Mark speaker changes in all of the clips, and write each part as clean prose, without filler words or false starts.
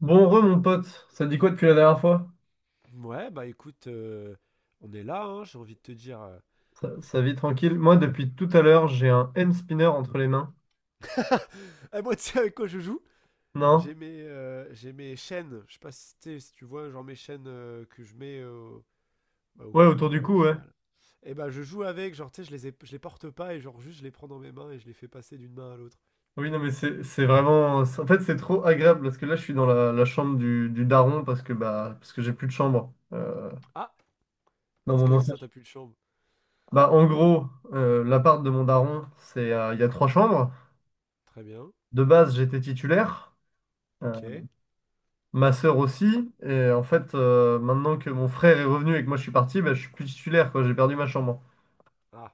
Speaker 1: Bon re mon pote, ça te dit quoi depuis la dernière fois?
Speaker 2: Ouais, bah écoute, on est là, hein, j'ai envie de te dire.
Speaker 1: Ça vit tranquille. Moi depuis tout à l'heure j'ai un hand spinner entre les mains.
Speaker 2: Ah, moi, tu sais avec quoi je joue?
Speaker 1: Non?
Speaker 2: J'ai mes chaînes, je sais pas si, si tu vois, genre mes chaînes que je mets bah, au
Speaker 1: Ouais
Speaker 2: cou,
Speaker 1: autour du
Speaker 2: quoi, au
Speaker 1: cou, ouais.
Speaker 2: final. Et bah, je joue avec, genre, tu sais, je les porte pas et genre, juste, je les prends dans mes mains et je les fais passer d'une main à l'autre.
Speaker 1: Oui non mais c'est vraiment. En fait c'est trop agréable parce que là je suis dans la chambre du daron parce que parce que j'ai plus de chambre
Speaker 2: Ah,
Speaker 1: dans
Speaker 2: c'est
Speaker 1: mon
Speaker 2: comment
Speaker 1: ancien.
Speaker 2: ça, t'as plus de chambre?
Speaker 1: Bah en gros l'appart de mon daron c'est il y a trois chambres.
Speaker 2: Très bien,
Speaker 1: De base j'étais titulaire. euh,
Speaker 2: ok.
Speaker 1: Ma sœur aussi, et en fait, maintenant que mon frère est revenu et que moi je suis parti, bah, je suis plus titulaire, quoi. J'ai perdu ma chambre.
Speaker 2: Ah,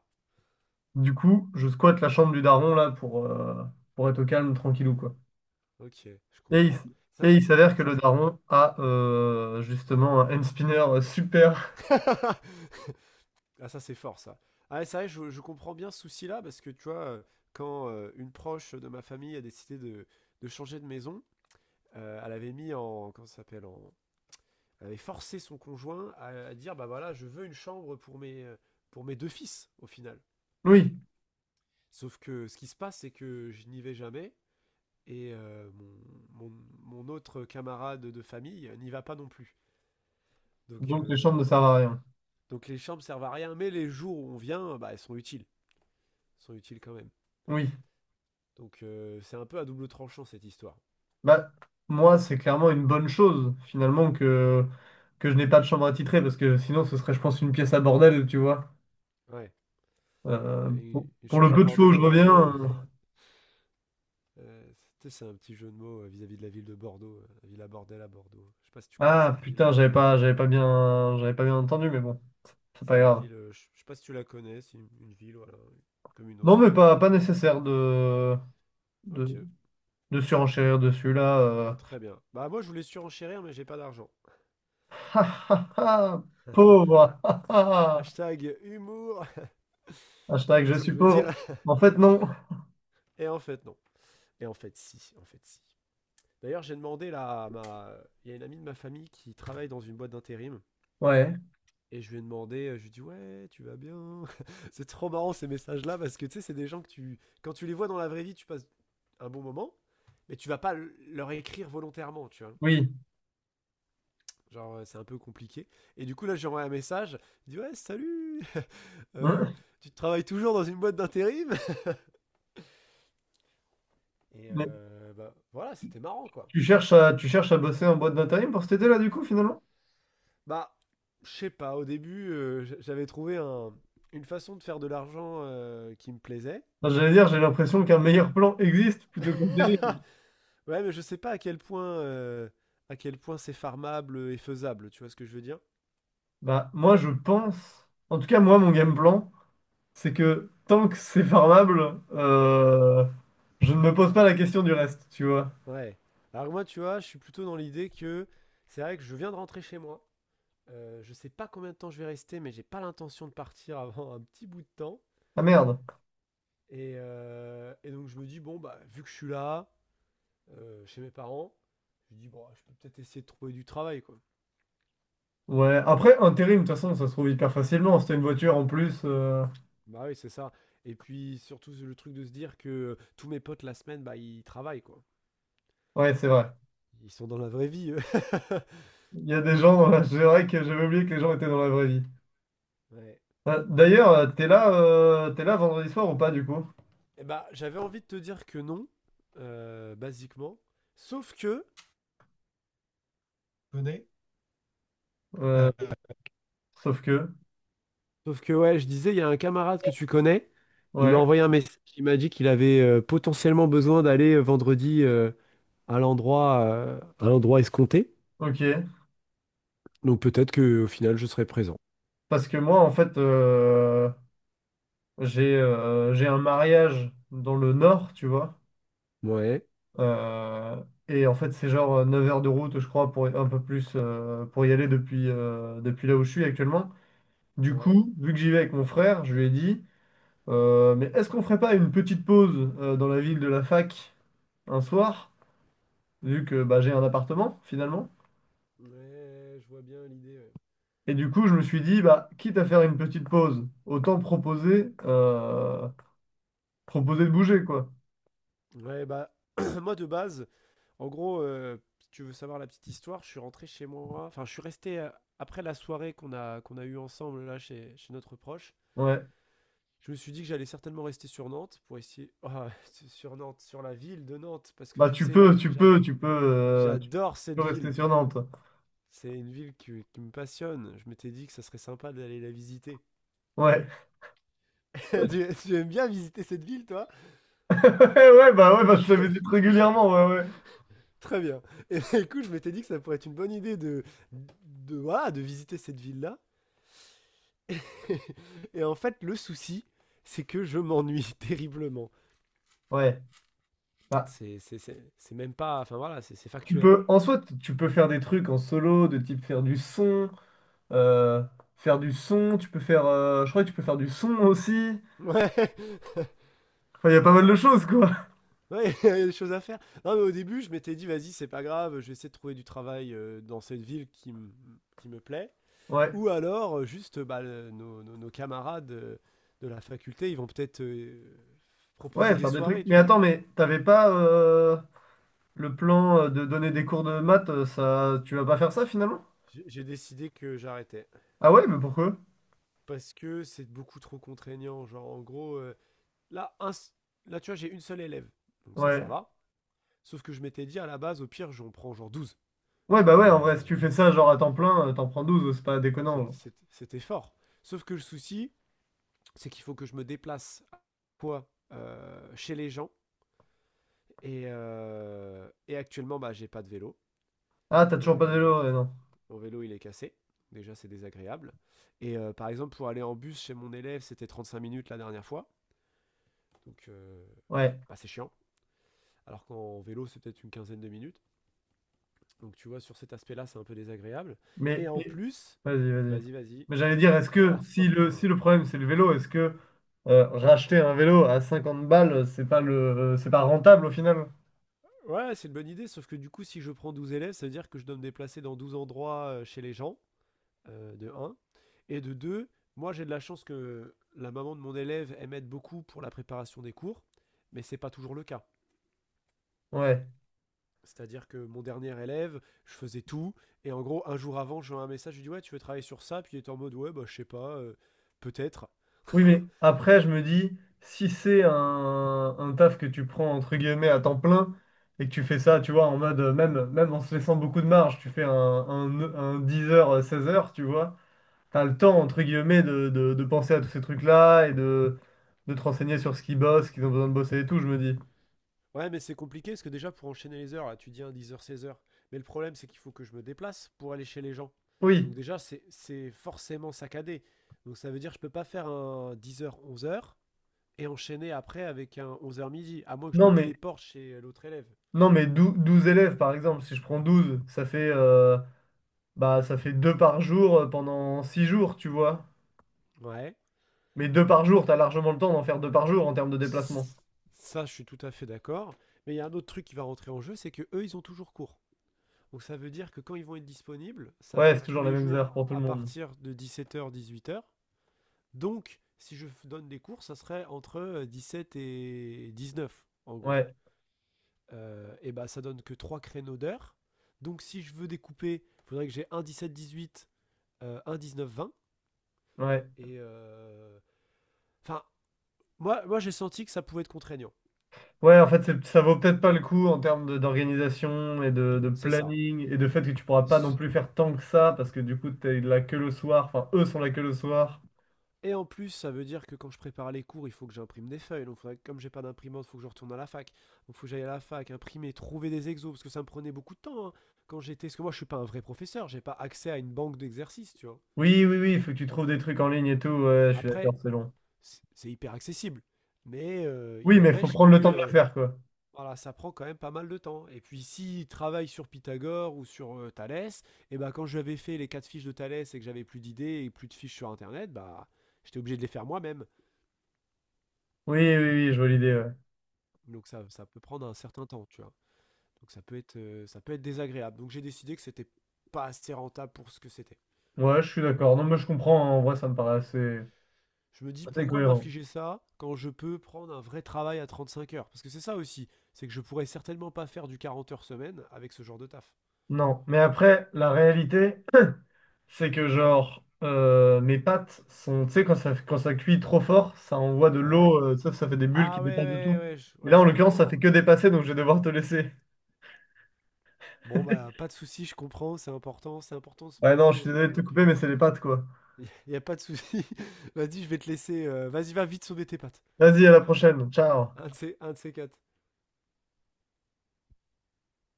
Speaker 1: Du coup, je squatte la chambre du daron là pour être au calme, tranquillou quoi.
Speaker 2: ok, je
Speaker 1: Et il, s-
Speaker 2: comprends. Ça,
Speaker 1: et il s'avère que le
Speaker 2: ça.
Speaker 1: daron a justement un hand spinner super.
Speaker 2: Ah ça c'est fort ça. Ah c'est vrai, je comprends bien ce souci-là parce que tu vois, quand une proche de ma famille a décidé de changer de maison, elle avait mis en... Comment ça s'appelle en... Elle avait forcé son conjoint à dire, bah voilà, je veux une chambre pour mes deux fils au final.
Speaker 1: Oui,
Speaker 2: Sauf que ce qui se passe, c'est que je n'y vais jamais et mon autre camarade de famille n'y va pas non plus. Donc,
Speaker 1: donc les chambres
Speaker 2: euh,
Speaker 1: ne servent à rien.
Speaker 2: donc les chambres servent à rien, mais les jours où on vient, bah, elles sont utiles. Elles sont utiles quand même.
Speaker 1: Oui,
Speaker 2: Donc c'est un peu à double tranchant cette histoire.
Speaker 1: bah moi c'est clairement une bonne chose que je n'ai pas de chambre attitrée parce que sinon ce serait je pense une pièce à bordel, tu vois.
Speaker 2: Ouais. Ouais, une
Speaker 1: Pour le
Speaker 2: chambre à
Speaker 1: peu de fois où
Speaker 2: bordel
Speaker 1: je
Speaker 2: à
Speaker 1: reviens.
Speaker 2: Bordeaux,
Speaker 1: Euh,
Speaker 2: euh, tu c'est un petit jeu de mots vis-à-vis de la ville de Bordeaux, la ville à bordel à Bordeaux. Je sais pas si tu connais
Speaker 1: Ah
Speaker 2: cette ville,
Speaker 1: putain,
Speaker 2: mais
Speaker 1: j'avais pas bien
Speaker 2: c'est-
Speaker 1: entendu, mais bon, c'est
Speaker 2: c'est
Speaker 1: pas
Speaker 2: une
Speaker 1: grave.
Speaker 2: ville, je sais pas si tu la connais, c'est une ville, voilà, comme une
Speaker 1: Non
Speaker 2: autre.
Speaker 1: mais pas nécessaire de
Speaker 2: Ok,
Speaker 1: de... de surenchérir dessus là.
Speaker 2: très bien. Bah moi je voulais surenchérir, mais j'ai pas d'argent.
Speaker 1: Ha, ha, ha, pauvre. Ha, ha, ha.
Speaker 2: Hashtag humour,
Speaker 1: Hashtag
Speaker 2: tu vois
Speaker 1: je
Speaker 2: ce que
Speaker 1: suis
Speaker 2: je veux
Speaker 1: pauvre.
Speaker 2: dire?
Speaker 1: En fait, non.
Speaker 2: Et en fait non. Et en fait si, en fait si. D'ailleurs j'ai demandé là à ma... Il y a une amie de ma famille qui travaille dans une boîte d'intérim.
Speaker 1: Ouais.
Speaker 2: Et je lui ai demandé, je lui ai dit ouais, tu vas bien. C'est trop marrant ces messages-là parce que tu sais, c'est des gens que tu, quand tu les vois dans la vraie vie, tu passes un bon moment, mais tu vas pas leur écrire volontairement, tu vois.
Speaker 1: Oui.
Speaker 2: Genre c'est un peu compliqué. Et du coup là, j'ai envoyé un message. Il dit ouais, salut. Euh,
Speaker 1: Hein.
Speaker 2: tu travailles toujours dans une boîte d'intérim. Et
Speaker 1: Mais
Speaker 2: bah, voilà, c'était marrant quoi.
Speaker 1: tu cherches à bosser en boîte d'intérim pour cet été là, du coup, finalement?
Speaker 2: Bah je sais pas. Au début, j'avais trouvé une façon de faire de l'argent qui me plaisait.
Speaker 1: Enfin, j'allais dire, j'ai l'impression qu'un meilleur plan existe plutôt que terrible.
Speaker 2: Ouais, mais je sais pas à quel point, à quel point c'est farmable et faisable, tu vois ce que je veux dire?
Speaker 1: Bah, moi, je pense. En tout cas, moi, mon game plan, c'est que tant que c'est farmable, je ne me pose pas la question du reste, tu vois.
Speaker 2: Ouais. Alors moi, tu vois, je suis plutôt dans l'idée que c'est vrai que je viens de rentrer chez moi. Je sais pas combien de temps je vais rester, mais j'ai pas l'intention de partir avant un petit bout de temps.
Speaker 1: Ah merde.
Speaker 2: Et donc je me dis, bon, bah, vu que je suis là, chez mes parents, je dis, bon, je peux peut-être essayer de trouver du travail, quoi.
Speaker 1: Ouais, après, intérim, de toute façon, ça se trouve hyper facilement. Si t'as une voiture en plus.
Speaker 2: Bah oui, c'est ça. Et puis surtout le truc de se dire que tous mes potes la semaine, bah, ils travaillent, quoi.
Speaker 1: Ouais, c'est vrai.
Speaker 2: Ils sont dans la vraie vie, eux.
Speaker 1: Il y a des gens dans la... C'est vrai que j'avais oublié que les gens étaient dans la vraie vie.
Speaker 2: Ouais.
Speaker 1: D'ailleurs, t'es là vendredi soir ou pas du coup?
Speaker 2: Eh ben, j'avais envie de te dire que non, basiquement. Sauf que, connais?
Speaker 1: Euh, sauf que.
Speaker 2: Sauf que ouais, je disais, il y a un camarade que tu connais. Il m'a
Speaker 1: Ouais,
Speaker 2: envoyé un message. Il m'a dit qu'il avait potentiellement besoin d'aller vendredi à l'endroit escompté.
Speaker 1: ok.
Speaker 2: Donc peut-être que au final, je serai présent.
Speaker 1: Parce que moi, en fait, j'ai un mariage dans le nord, tu vois.
Speaker 2: Ouais.
Speaker 1: Euh, et en fait, c'est genre 9 heures de route, je crois, pour un peu plus pour y aller depuis, depuis là où je suis actuellement. Du
Speaker 2: Ouais,
Speaker 1: coup, vu que j'y vais avec mon frère, je lui ai dit, mais est-ce qu'on ferait pas une petite pause dans la ville de la fac? Un soir, vu que bah, j'ai un appartement finalement.
Speaker 2: ouais, je vois bien l'idée.
Speaker 1: Et du coup, je me suis dit, bah, quitte à faire une petite pause, autant proposer, proposer de bouger, quoi.
Speaker 2: Ouais, Ouais, bah moi de base, en gros, si tu veux savoir la petite histoire, je suis rentré chez moi. Enfin, je suis resté après la soirée qu'on a eue ensemble là chez notre proche.
Speaker 1: Ouais.
Speaker 2: Je me suis dit que j'allais certainement rester sur Nantes pour essayer. Ah, sur Nantes, sur la ville de Nantes, parce que
Speaker 1: Bah,
Speaker 2: tu sais,
Speaker 1: tu
Speaker 2: j'adore
Speaker 1: peux
Speaker 2: cette
Speaker 1: rester
Speaker 2: ville.
Speaker 1: sur Nantes.
Speaker 2: C'est une ville qui me passionne. Je m'étais dit que ça serait sympa d'aller la visiter.
Speaker 1: Ouais.
Speaker 2: Tu tu, aimes bien visiter cette ville, toi?
Speaker 1: Ouais, ouais, bah, je te visite régulièrement, ouais, ouais.
Speaker 2: Très bien. Et du coup, je m'étais dit que ça pourrait être une bonne idée de, voilà, de visiter cette ville-là. Et en fait, le souci, c'est que je m'ennuie terriblement.
Speaker 1: Ouais. Bah,
Speaker 2: C'est même pas. Enfin voilà, c'est
Speaker 1: tu
Speaker 2: factuel,
Speaker 1: peux,
Speaker 2: genre.
Speaker 1: en soi, tu peux faire des trucs en solo, de type faire du son, euh, tu peux faire, je crois que tu peux faire du son aussi.
Speaker 2: Ouais,
Speaker 1: Enfin, il y a pas mal de
Speaker 2: ouais,
Speaker 1: choses, quoi.
Speaker 2: ouais, il y a des choses à faire. Non, mais au début, je m'étais dit, vas-y, c'est pas grave, je vais essayer de trouver du travail dans cette ville qui, qui me plaît.
Speaker 1: Ouais.
Speaker 2: Ou alors, juste, bah, nos camarades de la faculté, ils vont peut-être proposer
Speaker 1: Ouais,
Speaker 2: des
Speaker 1: faire des trucs.
Speaker 2: soirées,
Speaker 1: Mais
Speaker 2: tu vois.
Speaker 1: attends, mais t'avais pas le plan de donner des cours de maths, ça, tu vas pas faire ça finalement?
Speaker 2: J'ai décidé que j'arrêtais.
Speaker 1: Ah ouais, mais pourquoi?
Speaker 2: Parce que c'est beaucoup trop contraignant. Genre, en gros, Là, un là tu vois, j'ai une seule élève. Donc ça,
Speaker 1: Ouais.
Speaker 2: ça va. Sauf que je m'étais dit, à la base, au pire, j'en prends genre douze.
Speaker 1: Ouais, bah ouais,
Speaker 2: Et
Speaker 1: en vrai, si tu
Speaker 2: euh,
Speaker 1: fais ça genre à temps plein, t'en prends douze, c'est pas déconnant. Genre.
Speaker 2: C'était fort. Sauf que le souci, c'est qu'il faut que je me déplace quoi chez les gens. Et actuellement, bah, j'ai pas de vélo.
Speaker 1: Ah, t'as
Speaker 2: Mon
Speaker 1: toujours pas de
Speaker 2: vélo, il est,
Speaker 1: vélo, ouais, non.
Speaker 2: mon vélo, il est cassé. Déjà, c'est désagréable. Et par exemple, pour aller en bus chez mon élève, c'était 35 minutes la dernière fois. Donc,
Speaker 1: Ouais.
Speaker 2: bah, c'est chiant. Alors qu'en vélo, c'est peut-être une quinzaine de minutes. Donc tu vois, sur cet aspect-là, c'est un peu désagréable.
Speaker 1: Mais
Speaker 2: Et en
Speaker 1: et-
Speaker 2: plus,
Speaker 1: vas-y, vas-y.
Speaker 2: vas-y.
Speaker 1: Mais j'allais dire, est-ce
Speaker 2: Oh,
Speaker 1: que
Speaker 2: oh, oh.
Speaker 1: si le problème c'est le vélo, est-ce que racheter un vélo à 50 balles, c'est pas le c'est pas rentable au final?
Speaker 2: Ouais, c'est une bonne idée, sauf que du coup, si je prends 12 élèves, ça veut dire que je dois me déplacer dans 12 endroits chez les gens, de un. Et de deux, moi j'ai de la chance que la maman de mon élève, elle m'aide beaucoup pour la préparation des cours, mais c'est pas toujours le cas.
Speaker 1: Ouais.
Speaker 2: C'est-à-dire que mon dernier élève, je faisais tout, et en gros, un jour avant, j'ai un message, je lui dis ouais, tu veux travailler sur ça, puis il est en mode ouais, bah je sais pas, peut-être.
Speaker 1: Oui, mais après, je me dis, si c'est un taf que tu prends entre guillemets à temps plein et que tu fais ça, tu vois, en mode, même en se laissant beaucoup de marge, tu fais un 10h, 16h, tu vois, t'as le temps entre guillemets de penser à tous ces trucs-là et de te renseigner sur ce qu'ils bossent, ce qu'ils ont besoin de bosser et tout, je me dis.
Speaker 2: Ouais, mais c'est compliqué parce que déjà pour enchaîner les heures, là, tu dis un 10h, 16h. Mais le problème, c'est qu'il faut que je me déplace pour aller chez les gens.
Speaker 1: Oui,
Speaker 2: Donc déjà, c'est forcément saccadé. Donc ça veut dire que je peux pas faire un 10h, 11h et enchaîner après avec un 11h midi, à moins que je
Speaker 1: non,
Speaker 2: me
Speaker 1: mais,
Speaker 2: téléporte chez l'autre élève.
Speaker 1: non, mais dou- 12 élèves par exemple, si je prends 12 ça fait, bah, ça fait 2 par jour pendant 6 jours, tu vois.
Speaker 2: Ouais.
Speaker 1: Mais deux par jour, t'as largement le temps d'en faire deux par jour en termes de déplacement.
Speaker 2: Ça, je suis tout à fait d'accord. Mais il y a un autre truc qui va rentrer en jeu, c'est que eux, ils ont toujours cours. Donc ça veut dire que quand ils vont être disponibles, ça va
Speaker 1: Ouais, c'est
Speaker 2: être tous
Speaker 1: toujours les
Speaker 2: les
Speaker 1: mêmes
Speaker 2: jours
Speaker 1: heures pour tout le
Speaker 2: à
Speaker 1: monde.
Speaker 2: partir de 17h, 18h. Donc, si je donne des cours, ça serait entre 17 et 19 en gros.
Speaker 1: Ouais,
Speaker 2: Et bah, ça donne que 3 créneaux d'heure. Donc, si je veux découper, il faudrait que j'ai un 17-18, un 19-20.
Speaker 1: ouais.
Speaker 2: Et. euh, Enfin, euh, moi j'ai senti que ça pouvait être contraignant.
Speaker 1: Ouais, en fait, ça vaut peut-être pas le coup en termes d'organisation et de
Speaker 2: C'est ça.
Speaker 1: planning et de fait que tu pourras pas non plus faire tant que ça parce que du coup, t'es là que le soir. Enfin, eux sont là que le soir.
Speaker 2: Et en plus, ça veut dire que quand je prépare les cours, il faut que j'imprime des feuilles. Donc, comme j'ai pas d'imprimante, il faut que je retourne à la fac. Donc, il faut que j'aille à la fac, imprimer, trouver des exos, parce que ça me prenait beaucoup de temps hein, quand j'étais. Parce que moi, je suis pas un vrai professeur, j'ai pas accès à une banque d'exercices, tu vois.
Speaker 1: Oui, oui, oui, il faut que tu trouves des trucs en ligne et tout. Ouais, je suis d'accord,
Speaker 2: Après,
Speaker 1: c'est long.
Speaker 2: c'est hyper accessible, mais il
Speaker 1: Oui, mais il faut
Speaker 2: n'empêche que
Speaker 1: prendre le temps de le faire, quoi.
Speaker 2: voilà, ça prend quand même pas mal de temps. Et puis, s'il travaille sur Pythagore ou sur Thalès, et ben quand j'avais fait les quatre fiches de Thalès et que j'avais plus d'idées et plus de fiches sur Internet, bah, j'étais obligé de les faire moi-même.
Speaker 1: Oui, oui, oui, je vois l'idée, ouais.
Speaker 2: Donc ça peut prendre un certain temps, tu vois? Donc ça peut être désagréable. Donc j'ai décidé que c'était pas assez rentable pour ce que c'était.
Speaker 1: Ouais, je suis d'accord. Non, mais je comprends. En vrai, ça me paraît assez,
Speaker 2: Je me dis:
Speaker 1: assez
Speaker 2: «Pourquoi
Speaker 1: cohérent.
Speaker 2: m'infliger ça quand je peux prendre un vrai travail à 35 heures?» Parce que c'est ça aussi, c'est que je pourrais certainement pas faire du 40 heures semaine avec ce genre de taf.
Speaker 1: Non, mais après, la réalité. C'est que genre mes pâtes sont, tu sais, quand ça cuit trop fort, ça envoie de
Speaker 2: Ouais.
Speaker 1: l'eau, ça fait des bulles qui
Speaker 2: Ah ouais,
Speaker 1: dépassent de
Speaker 2: ouais,
Speaker 1: tout. Et
Speaker 2: ouais,
Speaker 1: là,
Speaker 2: je
Speaker 1: en l'occurrence,
Speaker 2: comprends,
Speaker 1: ça
Speaker 2: ouais.
Speaker 1: fait que dépasser, donc je vais devoir te laisser.
Speaker 2: Bon, bah, pas de souci, je comprends, c'est important, c'est important de
Speaker 1: Ouais,
Speaker 2: bien
Speaker 1: non,
Speaker 2: se
Speaker 1: je suis désolé
Speaker 2: nourrir,
Speaker 1: de te
Speaker 2: donc
Speaker 1: couper, mais c'est les pâtes, quoi.
Speaker 2: il y a pas de souci. Vas-y, je vais te laisser, vas-y, va vite sauver tes pattes.
Speaker 1: Vas-y, à la prochaine. Ciao.
Speaker 2: Un de ces 4.